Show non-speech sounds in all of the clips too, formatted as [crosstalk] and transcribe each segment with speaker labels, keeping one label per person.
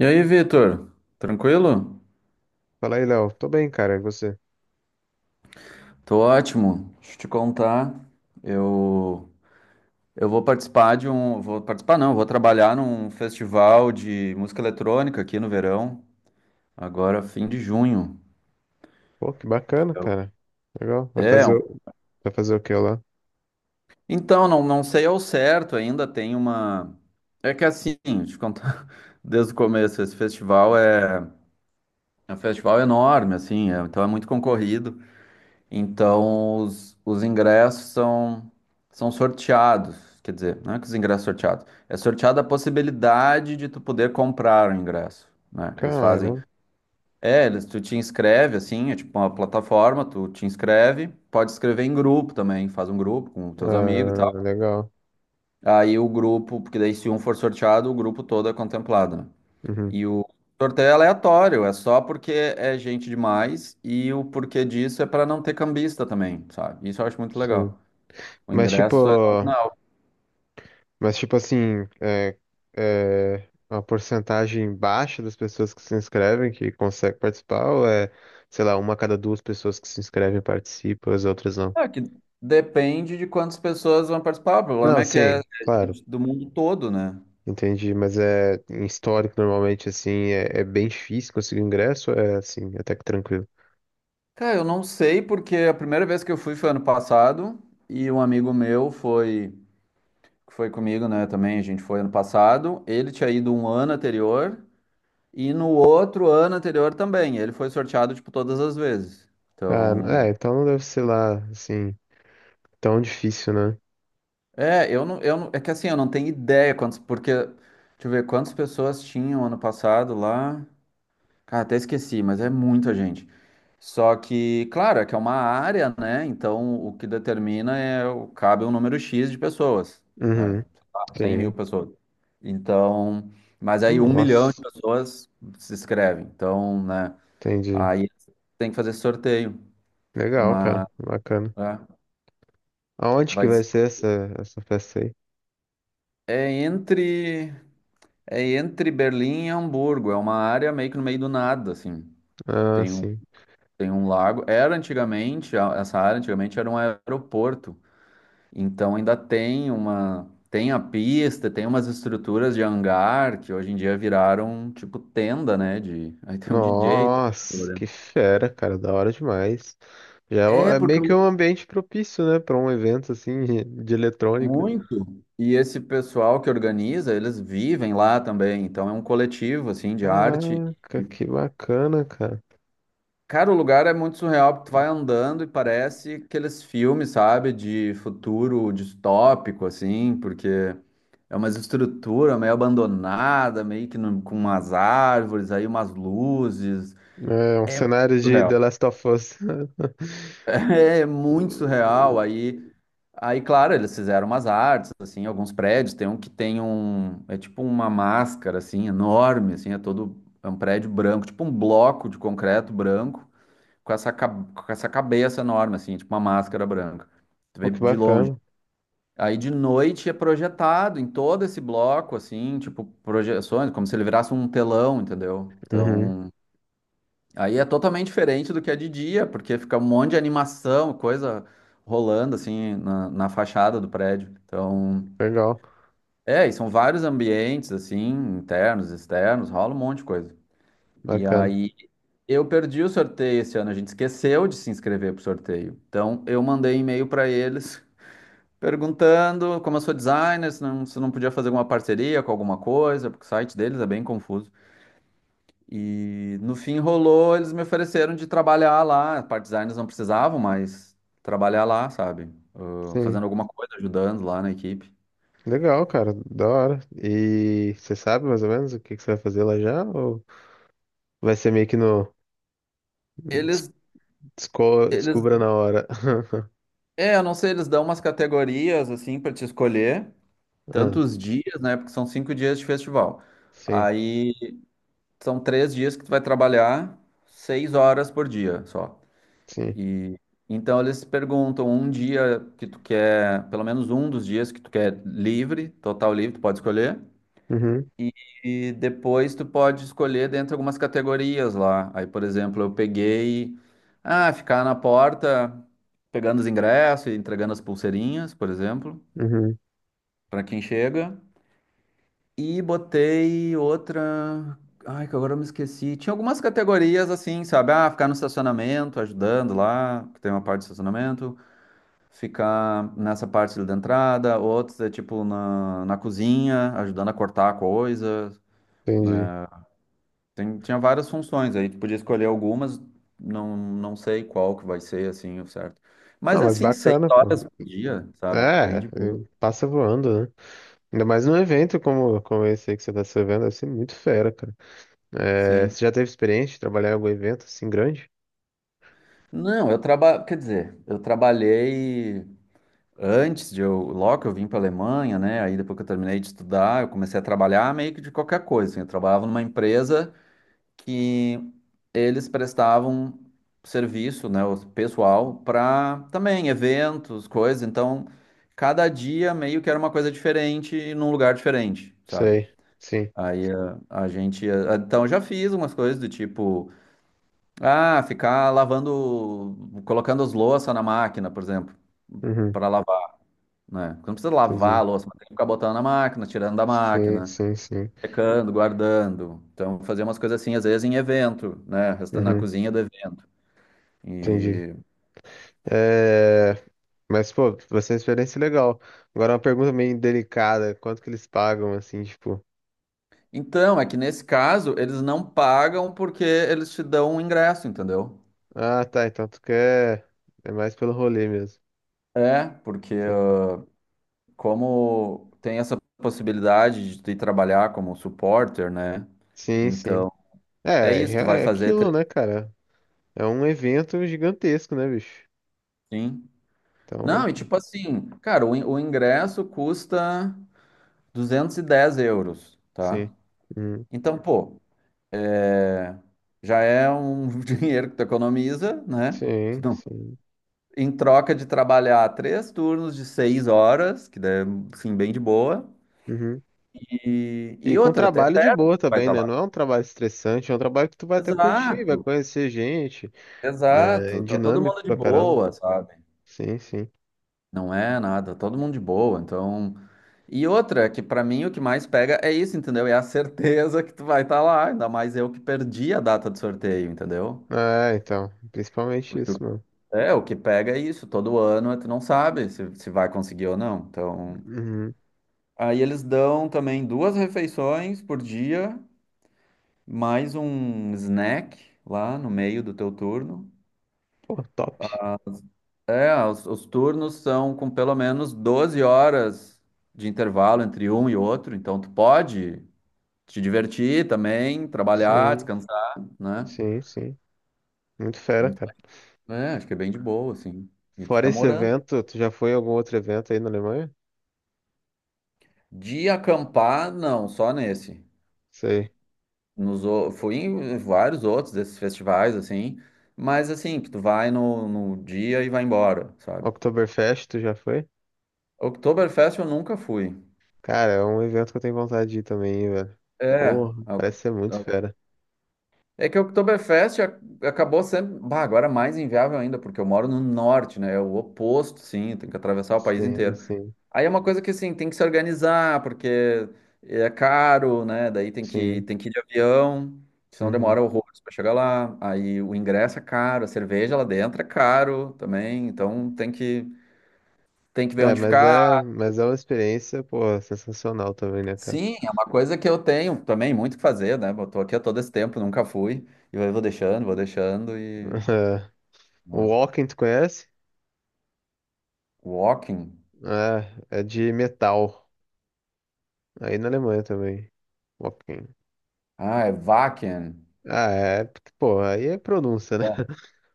Speaker 1: E aí, Vitor? Tranquilo?
Speaker 2: Fala aí, Léo. Tô bem, cara. E você?
Speaker 1: Tô ótimo. Deixa eu te contar. Eu, eu vou participar de um. Vou participar, não, vou trabalhar num festival de música eletrônica aqui no verão, agora fim de junho.
Speaker 2: Pô, que bacana, cara. Legal.
Speaker 1: É,
Speaker 2: Vai fazer o que lá?
Speaker 1: então, não sei ao certo ainda, tem uma. É que assim, deixa eu te contar [laughs] desde o começo, esse festival é. É um festival enorme, assim, então é muito concorrido. Então, os ingressos são sorteados. Quer dizer, não é que os ingressos são sorteados. É sorteada a possibilidade de tu poder comprar o ingresso, né? Eles fazem.
Speaker 2: Cara,
Speaker 1: É, eles, tu te inscreve, assim, é tipo uma plataforma, tu te inscreve. Pode escrever em grupo também, faz um grupo com teus amigos e
Speaker 2: ah,
Speaker 1: tal.
Speaker 2: legal.
Speaker 1: Aí o grupo, porque daí se um for sorteado, o grupo todo é contemplado, né?
Speaker 2: Uhum,
Speaker 1: E o sorteio é aleatório, é só porque é gente demais e o porquê disso é para não ter cambista também, sabe? Isso eu acho muito
Speaker 2: sim.
Speaker 1: legal. O
Speaker 2: Mas tipo,
Speaker 1: ingresso é nominal.
Speaker 2: mas tipo assim, é uma porcentagem baixa das pessoas que se inscrevem que consegue participar sei lá, uma a cada duas pessoas que se inscrevem participa, as outras não?
Speaker 1: É que depende de quantas pessoas vão participar. O problema
Speaker 2: Não,
Speaker 1: é que é
Speaker 2: sim,
Speaker 1: é
Speaker 2: claro.
Speaker 1: gente do mundo todo, né?
Speaker 2: Entendi, mas é em histórico normalmente é bem difícil conseguir ingresso, é assim, até que tranquilo.
Speaker 1: Cara, eu não sei porque a primeira vez que eu fui foi ano passado e um amigo meu foi que foi comigo, né, também, a gente foi ano passado. Ele tinha ido um ano anterior. E no outro ano anterior também, ele foi sorteado, tipo, todas as vezes.
Speaker 2: Ah, é,
Speaker 1: Então,
Speaker 2: então não deve ser lá, assim, tão difícil, né?
Speaker 1: é, eu não, é que assim, eu não tenho ideia quantos, porque, deixa eu ver, quantas pessoas tinham ano passado lá. Cara, até esqueci, mas é muita gente. Só que, claro, é que é uma área, né? Então, o que determina é, cabe um número X de pessoas, né?
Speaker 2: Uhum,
Speaker 1: Sei lá, 100 mil
Speaker 2: sim.
Speaker 1: pessoas. Então, mas aí um milhão de
Speaker 2: Nossa,
Speaker 1: pessoas se inscrevem. Então, né?
Speaker 2: entendi.
Speaker 1: Aí tem que fazer sorteio.
Speaker 2: Legal,
Speaker 1: Mas
Speaker 2: cara. Bacana.
Speaker 1: é,
Speaker 2: Aonde que
Speaker 1: vai
Speaker 2: vai
Speaker 1: ser-
Speaker 2: ser essa festa aí?
Speaker 1: é entre é entre Berlim e Hamburgo, é uma área meio que no meio do nada, assim.
Speaker 2: Ah,
Speaker 1: Tem um,
Speaker 2: sim.
Speaker 1: tem um lago. Era antigamente, essa área antigamente era um aeroporto. Então ainda tem a pista, tem umas estruturas de hangar que hoje em dia viraram tipo tenda, né, de [laughs] aí tem um DJ tocando lá
Speaker 2: Nossa, que
Speaker 1: dentro.
Speaker 2: fera, cara. Da hora demais.
Speaker 1: É,
Speaker 2: É
Speaker 1: porque
Speaker 2: meio que um ambiente propício, né? Pra um evento, assim, [laughs] de eletrônica.
Speaker 1: muito. E esse pessoal que organiza, eles vivem lá também, então é um coletivo assim de arte.
Speaker 2: Caraca, que bacana, cara.
Speaker 1: Cara, o lugar é muito surreal, porque tu vai andando e parece aqueles filmes, sabe, de futuro distópico, assim, porque é uma estrutura meio abandonada, meio que com umas árvores, aí umas luzes.
Speaker 2: É um cenário de The
Speaker 1: Surreal.
Speaker 2: Last of Us. [laughs]
Speaker 1: [laughs] É muito surreal. Aí, claro, eles fizeram umas artes, assim, alguns prédios. Tem um que tem um, é tipo uma máscara, assim, enorme, assim, é todo, é um prédio branco, tipo um bloco de concreto branco. Com essa cabeça enorme, assim, tipo uma máscara branca. Tu
Speaker 2: Pô,
Speaker 1: vê
Speaker 2: que
Speaker 1: de longe.
Speaker 2: bacana.
Speaker 1: Aí de noite é projetado em todo esse bloco, assim, tipo, projeções, como se ele virasse um telão, entendeu?
Speaker 2: Uhum,
Speaker 1: Então, aí é totalmente diferente do que é de dia, porque fica um monte de animação, coisa rolando, assim, na, fachada do prédio. Então,
Speaker 2: legal.
Speaker 1: é, e são vários ambientes, assim, internos, externos, rola um monte de coisa. E
Speaker 2: Bacana.
Speaker 1: aí. Eu perdi o sorteio esse ano, a gente esqueceu de se inscrever pro sorteio. Então, eu mandei e-mail para eles perguntando, como eu sou designer, se não podia fazer alguma parceria com alguma coisa, porque o site deles é bem confuso. E no fim rolou, eles me ofereceram de trabalhar lá. A parte designers não precisavam, mas trabalhar lá, sabe? Ah,
Speaker 2: Sim.
Speaker 1: fazendo alguma coisa, ajudando lá na equipe.
Speaker 2: Legal, cara. Da hora. E você sabe mais ou menos o que você vai fazer lá já? Ou vai ser meio que no des-
Speaker 1: Eles,
Speaker 2: desco-
Speaker 1: eles,
Speaker 2: descubra na hora? [laughs]
Speaker 1: é, eu não sei, eles dão umas categorias assim para te escolher,
Speaker 2: Ah,
Speaker 1: tantos dias, né? Porque são 5 dias de festival.
Speaker 2: sim,
Speaker 1: Aí são 3 dias que tu vai trabalhar 6 horas por dia só.
Speaker 2: sim.
Speaker 1: E então eles perguntam um dia que tu quer, pelo menos um dos dias que tu quer livre, total livre, tu pode escolher.
Speaker 2: Uhum,
Speaker 1: E, e depois tu pode escolher dentro de algumas categorias lá. Aí, por exemplo, eu peguei, ah, ficar na porta pegando os ingressos e entregando as pulseirinhas, por exemplo,
Speaker 2: uhum,
Speaker 1: para quem chega. E botei outra. Ai, que agora eu me esqueci. Tinha algumas categorias assim, sabe? Ah, ficar no estacionamento, ajudando lá, que tem uma parte de estacionamento. Ficar nessa parte ali da entrada. Outros é tipo na cozinha, ajudando a cortar a coisa,
Speaker 2: entendi.
Speaker 1: né? Tinha várias funções aí. Tu podia escolher algumas, não sei qual que vai ser assim, o certo. Mas
Speaker 2: Não,
Speaker 1: é
Speaker 2: mas
Speaker 1: assim, seis
Speaker 2: bacana, pô.
Speaker 1: horas por dia, sabe? Bem
Speaker 2: É, é,
Speaker 1: de boa.
Speaker 2: passa voando, né? Ainda mais num evento como esse aí que você tá se vendo, deve ser muito fera, cara. É,
Speaker 1: Sim.
Speaker 2: você já teve experiência de trabalhar em algum evento assim grande?
Speaker 1: Não, eu trabalho. Quer dizer, eu trabalhei. Antes de eu, logo que eu vim para a Alemanha, né? Aí depois que eu terminei de estudar, eu comecei a trabalhar meio que de qualquer coisa assim. Eu trabalhava numa empresa que eles prestavam serviço, né, o pessoal para também eventos, coisas. Então, cada dia meio que era uma coisa diferente e num lugar diferente, sabe?
Speaker 2: Sei, sim.
Speaker 1: Aí a gente, então eu já fiz umas coisas do tipo, ah, ficar lavando, colocando as louças na máquina, por exemplo,
Speaker 2: Uhum,
Speaker 1: para lavar, né? Porque não precisa lavar a
Speaker 2: entendi.
Speaker 1: louça, mas tem que ficar botando na máquina, tirando da
Speaker 2: Sim,
Speaker 1: máquina,
Speaker 2: sim, sim.
Speaker 1: secando, guardando. Então, fazer umas coisas assim, às vezes em evento, né? Na
Speaker 2: Uhum,
Speaker 1: cozinha do evento.
Speaker 2: entendi.
Speaker 1: E.
Speaker 2: É, mas, pô, vai ser uma experiência legal. Agora, uma pergunta meio delicada: quanto que eles pagam, assim, tipo.
Speaker 1: Então, é que nesse caso, eles não pagam porque eles te dão um ingresso, entendeu?
Speaker 2: Ah, tá, então tu quer. É mais pelo rolê mesmo.
Speaker 1: É, porque
Speaker 2: Entendi.
Speaker 1: como tem essa possibilidade de tu ir trabalhar como supporter, né?
Speaker 2: Sim, sim.
Speaker 1: Então,
Speaker 2: É,
Speaker 1: é isso, tu vai
Speaker 2: é é
Speaker 1: fazer.
Speaker 2: aquilo, né, cara? É um evento gigantesco, né, bicho?
Speaker 1: Sim. Não,
Speaker 2: Então,
Speaker 1: e tipo assim, cara, o ingresso custa 210 euros, tá?
Speaker 2: sim. Uhum.
Speaker 1: Então, pô, é, já é um [laughs] dinheiro que tu economiza, né? Tu
Speaker 2: Sim,
Speaker 1: não-
Speaker 2: sim.
Speaker 1: Em troca de trabalhar três turnos de 6 horas, que é, assim, bem de boa,
Speaker 2: Uhum.
Speaker 1: e,
Speaker 2: E
Speaker 1: e
Speaker 2: com
Speaker 1: outra, até
Speaker 2: trabalho
Speaker 1: até
Speaker 2: de boa
Speaker 1: vai
Speaker 2: também,
Speaker 1: estar
Speaker 2: né?
Speaker 1: lá.
Speaker 2: Não é um trabalho estressante, é um trabalho que tu vai até curtir, vai
Speaker 1: Exato,
Speaker 2: conhecer gente, né? É
Speaker 1: exato. Tá todo
Speaker 2: dinâmico
Speaker 1: mundo de
Speaker 2: pra caramba.
Speaker 1: boa, sabe?
Speaker 2: Sim, sim.
Speaker 1: Não é nada, tá todo mundo de boa, então. E outra, que pra mim o que mais pega é isso, entendeu? É a certeza que tu vai estar lá, ainda mais eu que perdi a data do sorteio, entendeu?
Speaker 2: É, então, principalmente isso, mano.
Speaker 1: É, o que pega é isso, todo ano tu não sabe se vai conseguir ou não. Então,
Speaker 2: Uhum.
Speaker 1: aí eles dão também duas refeições por dia, mais um snack lá no meio do teu turno.
Speaker 2: Pô, top.
Speaker 1: É, os turnos são com pelo menos 12 horas de intervalo entre um e outro, então tu pode te divertir também, trabalhar,
Speaker 2: Sim,
Speaker 1: descansar, né?
Speaker 2: sim, sim. Muito fera,
Speaker 1: Então,
Speaker 2: cara.
Speaker 1: é, acho que é bem de boa, assim. E tu
Speaker 2: Fora
Speaker 1: fica
Speaker 2: esse
Speaker 1: morando.
Speaker 2: evento, tu já foi a algum outro evento aí na Alemanha?
Speaker 1: De acampar, não, só nesse.
Speaker 2: Sei.
Speaker 1: Fui em vários outros desses festivais, assim, mas assim, que tu vai no dia e vai embora, sabe?
Speaker 2: Oktoberfest, tu já foi?
Speaker 1: Oktoberfest eu nunca fui.
Speaker 2: Cara, é um evento que eu tenho vontade de ir também, hein, velho.
Speaker 1: É,
Speaker 2: Porra,
Speaker 1: a
Speaker 2: parece ser muito
Speaker 1: a-
Speaker 2: fera.
Speaker 1: é que o Oktoberfest acabou sendo, bah, agora é mais inviável ainda, porque eu moro no norte, né? É o oposto, sim, tem que atravessar o país
Speaker 2: Sim,
Speaker 1: inteiro.
Speaker 2: sim,
Speaker 1: Aí é uma coisa que assim, tem que se organizar, porque é caro, né? Daí tem que,
Speaker 2: sim.
Speaker 1: tem que ir de avião, senão
Speaker 2: Uhum.
Speaker 1: demora horrores para chegar lá. Aí o ingresso é caro, a cerveja lá dentro é caro também, então tem que ver
Speaker 2: É,
Speaker 1: onde ficar.
Speaker 2: mas é uma experiência, pô, sensacional também, né, cara?
Speaker 1: Sim, é uma coisa que eu tenho também muito que fazer, né? Eu tô aqui há todo esse tempo, nunca fui, e eu vou deixando e.
Speaker 2: [laughs] O
Speaker 1: Né.
Speaker 2: Walking, tu conhece?
Speaker 1: Walking.
Speaker 2: É, é de metal. Aí na Alemanha também. Ok.
Speaker 1: Ah, é Wacken.
Speaker 2: Ah, é. Pô, aí é pronúncia, né?
Speaker 1: Tá.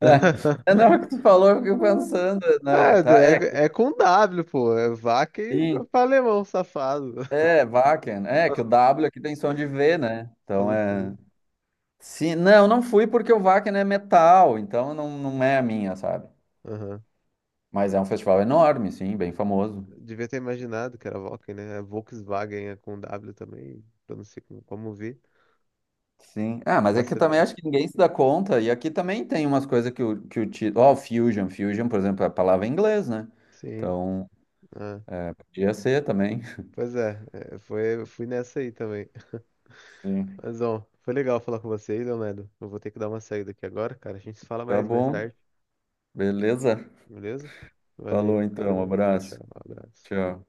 Speaker 1: [laughs] É, não,
Speaker 2: [laughs]
Speaker 1: é o que tu falou, eu fiquei pensando. Não,
Speaker 2: É,
Speaker 1: tá, é,
Speaker 2: é com W, pô. É vaca e
Speaker 1: sim.
Speaker 2: pra alemão, safado.
Speaker 1: É, Wacken. É, que o
Speaker 2: [laughs]
Speaker 1: W aqui tem som de V, né? Então
Speaker 2: Sim,
Speaker 1: é.
Speaker 2: sim.
Speaker 1: Sim, não fui porque o Wacken é metal, então não é a minha, sabe?
Speaker 2: Aham.
Speaker 1: Mas é um festival enorme, sim, bem famoso.
Speaker 2: Devia ter imaginado que era Volkswagen, né? É Volkswagen é com W também, pronuncia como vi.
Speaker 1: Sim. Ah, mas é que eu também
Speaker 2: Vacilei.
Speaker 1: acho que ninguém se dá conta, e aqui também tem umas coisas que o título. Ó, Fusion, Fusion, por exemplo, é a palavra em inglês, né?
Speaker 2: Sim.
Speaker 1: Então,
Speaker 2: Ah.
Speaker 1: podia ser também.
Speaker 2: Pois é, eu fui nessa aí também. [laughs]
Speaker 1: [laughs] Sim.
Speaker 2: Mas, bom, foi legal falar com você aí, Leonardo. Eu vou ter que dar uma saída aqui agora, cara. A gente se fala
Speaker 1: Tá
Speaker 2: mais
Speaker 1: bom.
Speaker 2: tarde.
Speaker 1: Beleza?
Speaker 2: Beleza?
Speaker 1: Falou
Speaker 2: Valeu, cara.
Speaker 1: então,
Speaker 2: Tchau, tchau.
Speaker 1: abraço.
Speaker 2: Abraço.
Speaker 1: Tchau.